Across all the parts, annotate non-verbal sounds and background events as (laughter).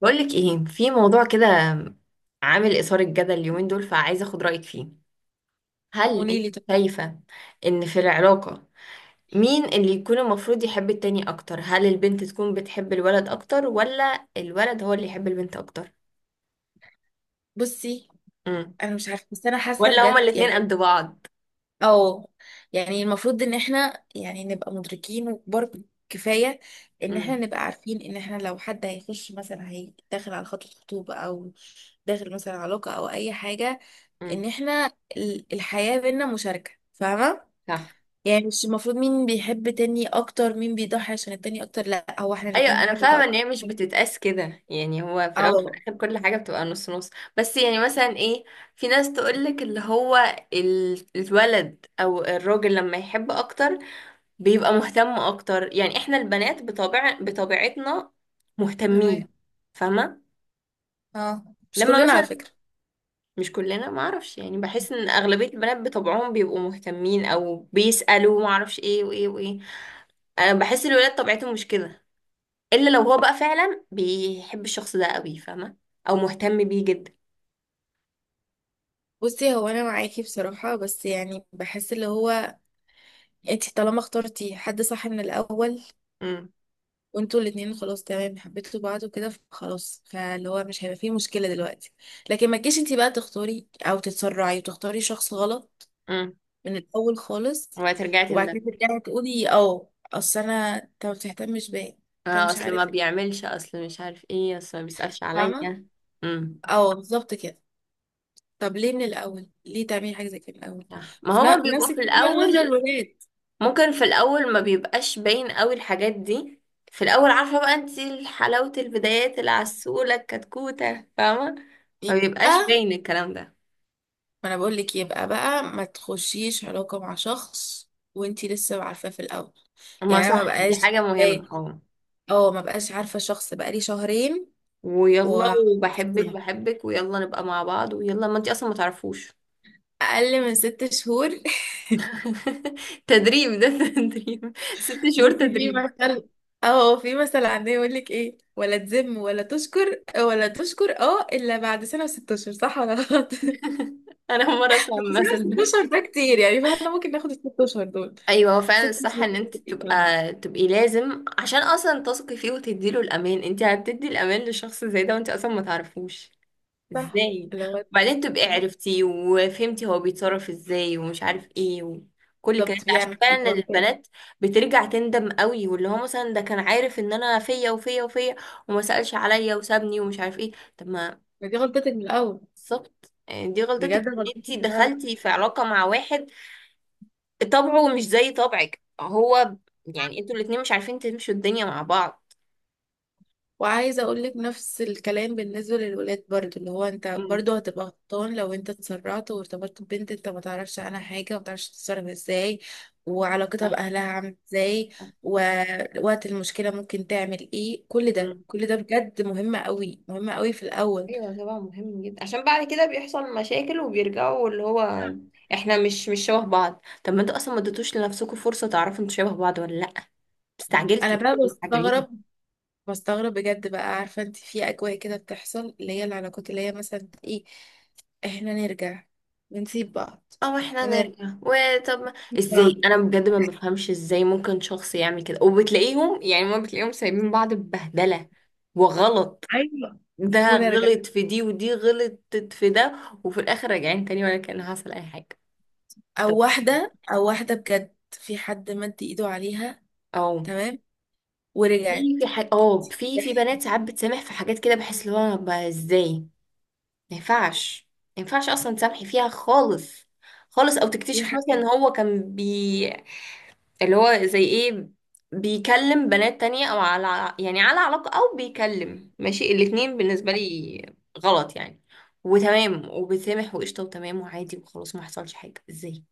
بقولك ايه في موضوع كده عامل اثار الجدل اليومين دول، فعايزه اخد رايك فيه. هل انت قولي لي طب. شايفه ان في العلاقه مين اللي يكون المفروض يحب التاني اكتر؟ هل البنت تكون بتحب الولد اكتر ولا الولد هو اللي يحب البنت اكتر؟ بصي، امم انا مش عارفه، بس انا حاسه ولا هما بجد. الاتنين قد بعض؟ اه يعني المفروض ان احنا يعني نبقى مدركين وكبار كفايه، ان احنا امم. نبقى عارفين ان احنا لو حد هيخش، مثلا هي داخل على خطوبه او داخل مثلا علاقه او اي حاجه، ان امم. احنا الحياه بينا مشاركه، فاهمه؟ صح. يعني مش المفروض مين بيحب تاني اكتر، مين بيضحي عشان التاني اكتر، لا هو احنا ايوه الاتنين انا نحب فاهمه بعض. ان هي مش بتتقاس كده، يعني هو في الاول وفي اه، الاخر كل حاجه بتبقى نص نص. بس يعني مثلا ايه، في ناس تقولك اللي هو الولد او الراجل لما يحب اكتر بيبقى مهتم اكتر، يعني احنا البنات بطبع بطبيعتنا مهتمين. تمام. فاهمه؟ اه، مش لما كلنا على مثلا فكره. مش كلنا، ما اعرفش يعني، بحس ان اغلبيه البنات بطبعهم بيبقوا مهتمين او بيسالوا، ما اعرفش، ايه وايه وايه. انا بحس الولاد طبيعتهم مش كده، الا لو هو بقى فعلا بيحب الشخص ده قوي، فاهمه؟ او مهتم بيه جدا. بصي، هو انا معاكي بصراحة، بس يعني بحس اللي هو انتي طالما اخترتي حد صح من الاول، امم. وانتوا الاتنين خلاص تمام حبيتوا بعض وكده، خلاص فاللي هو مش هيبقى فيه مشكلة دلوقتي. لكن ما تجيش انتي بقى تختاري او تتسرعي وتختاري شخص غلط امم. من الاول خالص، وهترجعي وبعد كده تندمي. ترجعي تقولي اه اصل انا انت ما بتهتمش بيا، انت اه، مش اصل ما عارف ايه، بيعملش، اصل مش عارف ايه، اصل ما بيسألش فاهمة؟ عليا. امم. اه بالظبط كده. طب ليه من الاول، ليه تعملي حاجة زي كده من الاول؟ صح، ما في هو نفس بيبقوا في الكلام الاول. بالنسبة للولاد. ممكن في الاول ما بيبقاش باين قوي الحاجات دي، في الاول عارفه بقى انت حلاوه البدايات، العسوله، الكتكوته، فاهمه؟ ما بيبقاش يبقى باين الكلام ده. ما انا بقول لك، يبقى بقى ما تخشيش علاقة مع شخص وانتي لسه عارفاه في الاول. ما يعني انا ما صح، دي بقاش حاجه جاي، مهمه، اه. اه ما بقاش عارفة شخص بقالي شهرين ويلا، و وبحبك (laughs) بحبك، ويلا نبقى مع بعض، ويلا ما انت اصلا ما تعرفوش. اقل من 6 شهور (laughs) (laughs) تدريب ده، تدريب، ست شهور بصي في تدريب. مثل، اه في مثل عندنا يقول لك ايه، ولا تذم ولا تشكر، اه الا بعد سنة و6 اشهر، صح ولا غلط؟ (laughs) سنة (laughs) انا اول مره اسمع المثل ده. وست اشهر ده كتير يعني، فاحنا ممكن ناخد الـ6 اشهر دول. ايوه، هو ست فعلا الصح اشهر ان دول انت كتير فعلاً. تبقي لازم، عشان اصلا تثقي فيه وتديله الامان. انت هتدي الامان لشخص زي ده وانت اصلا ما تعرفوش؟ صح ازاي؟ اللي هو وبعدين تبقي بالظبط عرفتي وفهمتي هو بيتصرف ازاي، ومش عارف ايه، وكل الكلام ده، عشان بيعمل فعلا كده. البنات بترجع تندم قوي، واللي هو مثلا ده كان عارف ان انا فيا وفيا وفيا وما سألش عليا وسابني ومش عارف ايه، طب ما. ما دي غلطتك من الاول، بالظبط، يعني دي غلطتك بجد ان غلطتك انتي من الاول. دخلتي في علاقة مع واحد طبعه مش زي طبعك، هو يعني انتوا الاتنين مش عارفين تمشوا الدنيا مع بعض. وعايزه اقول لك نفس الكلام بالنسبه للولاد برضو، اللي هو انت برضو هتبقى غلطان لو انت اتسرعت وارتبطت ببنت انت ما تعرفش عنها حاجه، وما تعرفش تتصرف ازاي، وعلاقتها باهلها عامله ازاي، ووقت المشكله ممكن تعمل ايه. كل ده، امم. كل ده بجد مهم قوي، مهم قوي في الاول. ايوه طبعا، مهم جدا، عشان بعد كده بيحصل مشاكل وبيرجعوا اللي هو احنا مش شبه بعض. طب ما انتوا اصلا ما اديتوش لنفسكم فرصه تعرفوا انتوا شبه بعض ولا لا. انا استعجلتوا. (laughs) بقى انتوا اللي مستعجلين. بستغرب، بستغرب بجد بقى، عارفة انت في اجواء كده بتحصل، اللي هي العلاقات اللي هي مثلا ايه، احنا نرجع، بنسيب بعض او احنا ونرجع، نرجع وطب بنسيب ازاي بعض، انا بجد ما بفهمش ازاي ممكن شخص يعمل كده. وبتلاقيهم يعني ما بتلاقيهم سايبين بعض ببهدله وغلط، ايوه ده ونرجع. غلط في دي ودي غلطت في ده، وفي الاخر راجعين تاني ولا كان حصل اي حاجه. طب، او واحدة، او واحدة بجد في حد مد ايده عليها، اه. تمام في ورجعت. في بنات ساعات بتسامح في حاجات كده، بحس اللي هو بقى ازاي؟ ما ينفعش، ما ينفعش اصلا تسامحي فيها خالص خالص. او في تكتشف مثلا ان حاجات هو كان اللي هو زي ايه، بيكلم بنات تانية، او على يعني على علاقة، او بيكلم ماشي الاتنين، بالنسبة (laughs) لي غلط يعني. وتمام، وبتسامح، وقشطة، وتمام، وعادي، وخلاص ما حصلش حاجة؟ ازاي؟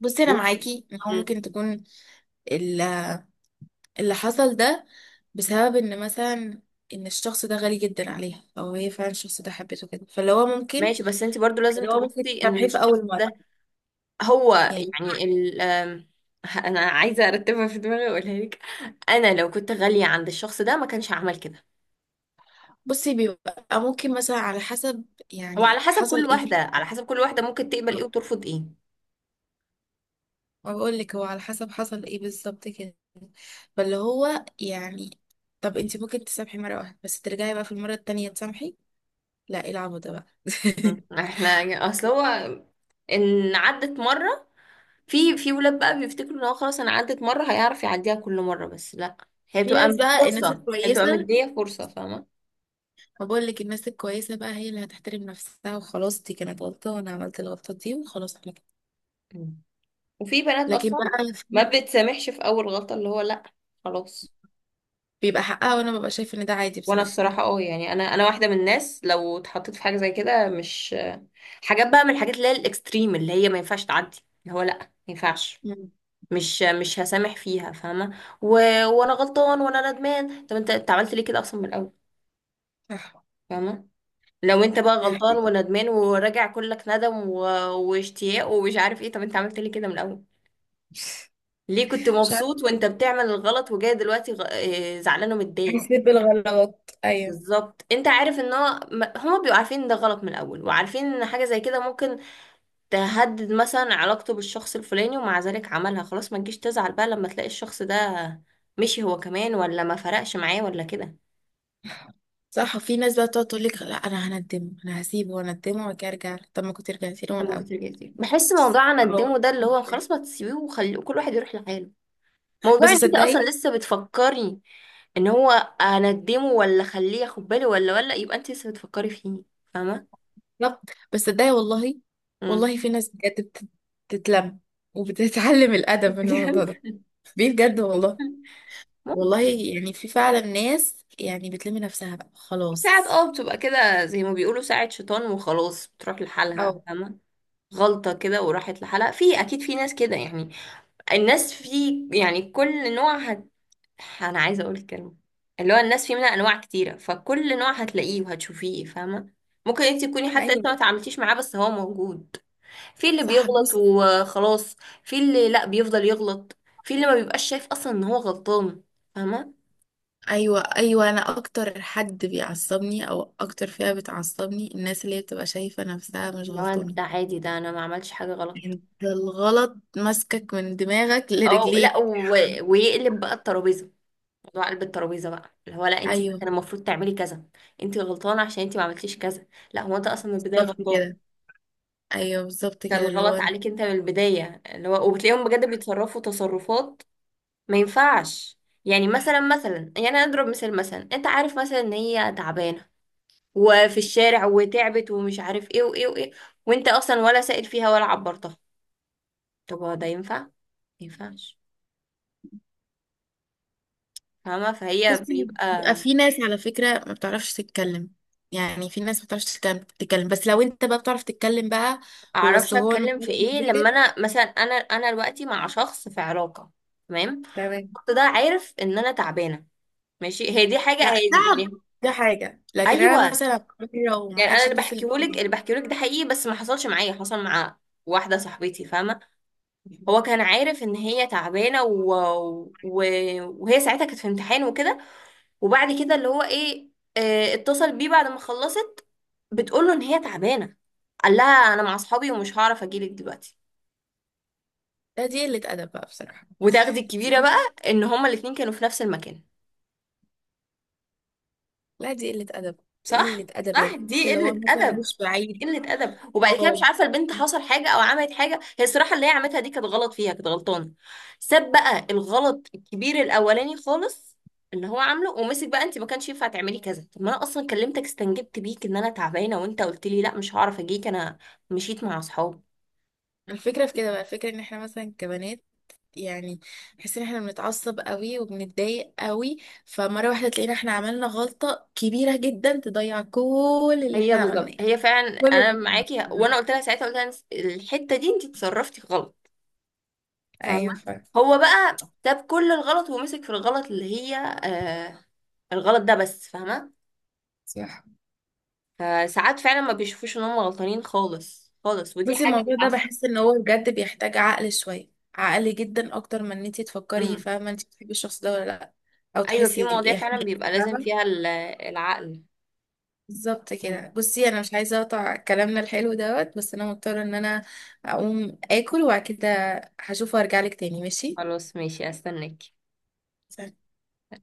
بصي انا ازاي؟ معاكي ان هو مم. ممكن تكون ال- اللي حصل ده بسبب ان مثلا ان الشخص ده غالي جدا عليها، او هي فعلا الشخص ده حبته كده، فاللي هو ممكن، ماشي، بس انت برضو لازم اللي هو ممكن تبصي ان تسامحيه في الشخص اول ده، مره هو يعني. يعني ال آم، انا عايزه ارتبها في دماغي واقولها لك. انا لو كنت غاليه عند الشخص ده ما كانش هعمل كده. بصي بيبقى ممكن مثلا على حسب، هو على يعني حسب حصل كل ايه واحده، في على حسب كل واحده ممكن تقبل ايه الحوار. وترفض ايه. ما بقول لك هو على حسب حصل ايه بالظبط كده، فاللي هو يعني طب انت ممكن تسامحي مره واحده، بس ترجعي بقى في المره التانية تسامحي، لا ايه العبط ده بقى؟ م. (laughs) احنا، اصل هو ان عدت مره، في في ولاد بقى بيفتكروا ان هو خلاص انا عدت مره هيعرف يعديها كل مره، بس لا. هي في بتبقى ناس بقى، الناس فرصه، هي بتبقى الكويسه، مديه فرصه، فاهمه؟ ما بقول لك الناس الكويسه بقى هي اللي هتحترم نفسها، وخلاص دي كانت غلطه وانا عملت الغلطه دي، وخلاص احنا كده. م. وفي بنات لكن اصلا بقى (laughs) في ما ناس بتسامحش في اول غلطه، اللي هو لا، خلاص. بيبقى حقها، وانا ببقى شايف ان ده عادي وانا بصراحه يعني. الصراحه اه، يعني انا واحده من الناس لو اتحطيت في حاجه زي كده مش، حاجات بقى من الحاجات اللي هي الاكستريم، اللي هي ما ينفعش تعدي، اللي هو لا ما ينفعش. مم. مش هسامح فيها، فاهمه؟ وانا غلطان وانا ندمان، طب انت انت عملت ليه كده اصلا من الاول؟ صح. فاهمه؟ لو انت بقى صح. غلطان وندمان وراجع كلك ندم واشتياق ومش عارف ايه، طب انت عملت ليه كده من الاول؟ ليه كنت مش عارفه. مبسوط وانت بتعمل الغلط وجاي دلوقتي غ... آه، زعلان ومتضايق. بنسيب الغلط، ايوه. بالظبط، انت عارف ان هو هما بيبقوا عارفين ان ده غلط من الاول، وعارفين ان حاجه زي كده ممكن تهدد مثلا علاقته بالشخص الفلاني، ومع ذلك عملها، خلاص ما تجيش تزعل بقى لما تلاقي الشخص ده مشي هو كمان ولا ما فرقش معاه ولا كده. صح، وفي ناس بقى بتقعد تقول لك لا انا هندمه، انا هسيبه واندمه وبعد كده ارجع له. طب ما كنت رجعتي له من ده ممكن الاول. ترجع تاني، بحس موضوع أهو. ندمه ده اللي هو خلاص ما تسيبيه وخلي كل واحد يروح لحاله. موضوع بس ان انت اصلا صدقي، لسه بتفكري ان هو اندمه ولا خليه ياخد بالي ولا يبقى انت لسه بتفكري فيه، فاهمه؟ بالظبط، بس صدقي والله، امم. والله في ناس بجد بتتلم وبتتعلم (laughs) الادب من الموضوع ده، بجد. بيه بجد والله. والله ممكن يعني في فعلا ناس يعني بتلم نفسها بقى ساعات خلاص. اه بتبقى كده زي ما بيقولوا ساعة شيطان وخلاص بتروح او لحالها، فاهمة؟ غلطة كده وراحت لحالها، في أكيد في ناس كده يعني. الناس في يعني كل نوع أنا عايزة أقول الكلمة، اللي هو الناس في منها أنواع كتيرة، فكل نوع هتلاقيه وهتشوفيه، فاهمة؟ ممكن انت تكوني حتى لسه ايوه، ما تعاملتيش معاه بس هو موجود. في اللي صح، بيغلط بص. وخلاص، في اللي لا بيفضل يغلط، في اللي ما بيبقاش شايف اصلا ان هو غلطان، فاهمه؟ ايوه ايوه، انا اكتر حد بيعصبني او اكتر فئة بتعصبني، الناس اللي هي بتبقى شايفة نفسها مش لو غلطانة. ده عادي، ده انا ما عملتش حاجه غلط، انت الغلط ماسكك من دماغك اه. لا لرجليك. و... ويقلب بقى الترابيزه. موضوع قلب الترابيزه بقى، اللي هو لا انت ايوه كان المفروض تعملي كذا، انت غلطانه عشان انت ما عملتيش كذا. لا، هو انت اصلا من البدايه بالظبط غلطان، كده. ايوه بالظبط كان كده اللي هو الغلط انت. عليك انت من البدايه. اللي هو وبتلاقيهم بجد بيتصرفوا تصرفات ما ينفعش. يعني مثلا مثلا، يعني انا اضرب مثال، مثلا انت عارف مثلا ان هي تعبانه وفي الشارع وتعبت ومش عارف ايه وايه وايه، وانت اصلا ولا سائل فيها ولا عبرتها. طب هو ده ينفع؟ ما ينفعش، فاهمه؟ فهي بصي بيبقى، بيبقى في ناس على فكره ما بتعرفش تتكلم، يعني في ناس ما بتعرفش تتكلم تتكلم. بس لو انت بقى بتعرف تتكلم بقى، اعرفش بس هو اتكلم في المتكلم ايه؟ لما مزاجك. انا مثلا انا انا دلوقتي مع شخص في علاقه، تمام؟ تمام. الشخص ده عارف ان انا تعبانه. ماشي، هي دي حاجه، لا، هي دي تعب يعني. ده حاجه، لكن انا ايوه، مثلا لو ما يعني انا حدش اللي اتصل بحكيهولك، بيا، اللي بحكيهولك ده حقيقي، بس ما حصلش معايا، حصل مع واحده صاحبتي، فاهمه؟ هو كان عارف ان هي تعبانه و... وهي ساعتها كانت في امتحان وكده، وبعد كده اللي هو ايه، اتصل بيه بعد ما خلصت، بتقول له ان هي تعبانه، قال لها انا مع اصحابي ومش هعرف اجيلك دلوقتي. لا دي قله ادب بقى بصراحه. وتاخدي الكبيرة دي- بقى ان هما الاتنين كانوا في نفس المكان. لا دي قله ادب، قله صح؟ ادب، صح، يعني حتى دي لو هو قلة مثلا أدب. مش بعيد. قلة أدب. وبعد كده مش اه عارفة البنت حصل حاجة أو عملت حاجة، هي الصراحة اللي هي عملتها دي كانت غلط، فيها كانت غلطانة. ساب بقى الغلط الكبير الأولاني خالص اللي هو عامله، ومسك بقى انت ما كانش ينفع تعملي كذا. طب ما انا اصلا كلمتك، استنجدت بيك ان انا تعبانه، وانت قلت لي لا مش هعرف اجيك، انا مشيت مع اصحابي. الفكرة في كده بقى، الفكرة ان احنا مثلا كبنات يعني، بحس ان احنا بنتعصب قوي وبنتضايق قوي، فمرة واحدة تلاقينا احنا عملنا غلطة كبيرة جدا تضيع كل اللي هي احنا عملناه، بالظبط، هي فعلا كل انا اللي إحنا معاكي، عملناه. وانا قلت لها ساعتها، قلت لها الحته دي انت اتصرفتي غلط، فاهمة؟ ايوه فعلا. هو بقى ساب كل الغلط ومسك في الغلط اللي هي آه الغلط ده بس، فاهمة؟ صح. فساعات فعلا ما بيشوفوش ان هم غلطانين خالص خالص، ودي بس حاجة الموضوع ده بتعصب. بحس ان هو بجد بيحتاج عقل، شوية عقل جدا اكتر من ان انتي تفكري، امم. فاهمة انتي بتحبي الشخص ده ولا لا، او ايوه، في تحسي مواضيع إيه، فعلا بيبقى لازم فاهمة؟ فيها العقل. بالظبط كده. امم. بصي انا مش عايزه اقطع كلامنا الحلو دوت، بس انا مضطره ان انا اقوم اكل، وبعد كده هشوف وارجع لك تاني، ماشي؟ خلاص ماشي، استناك.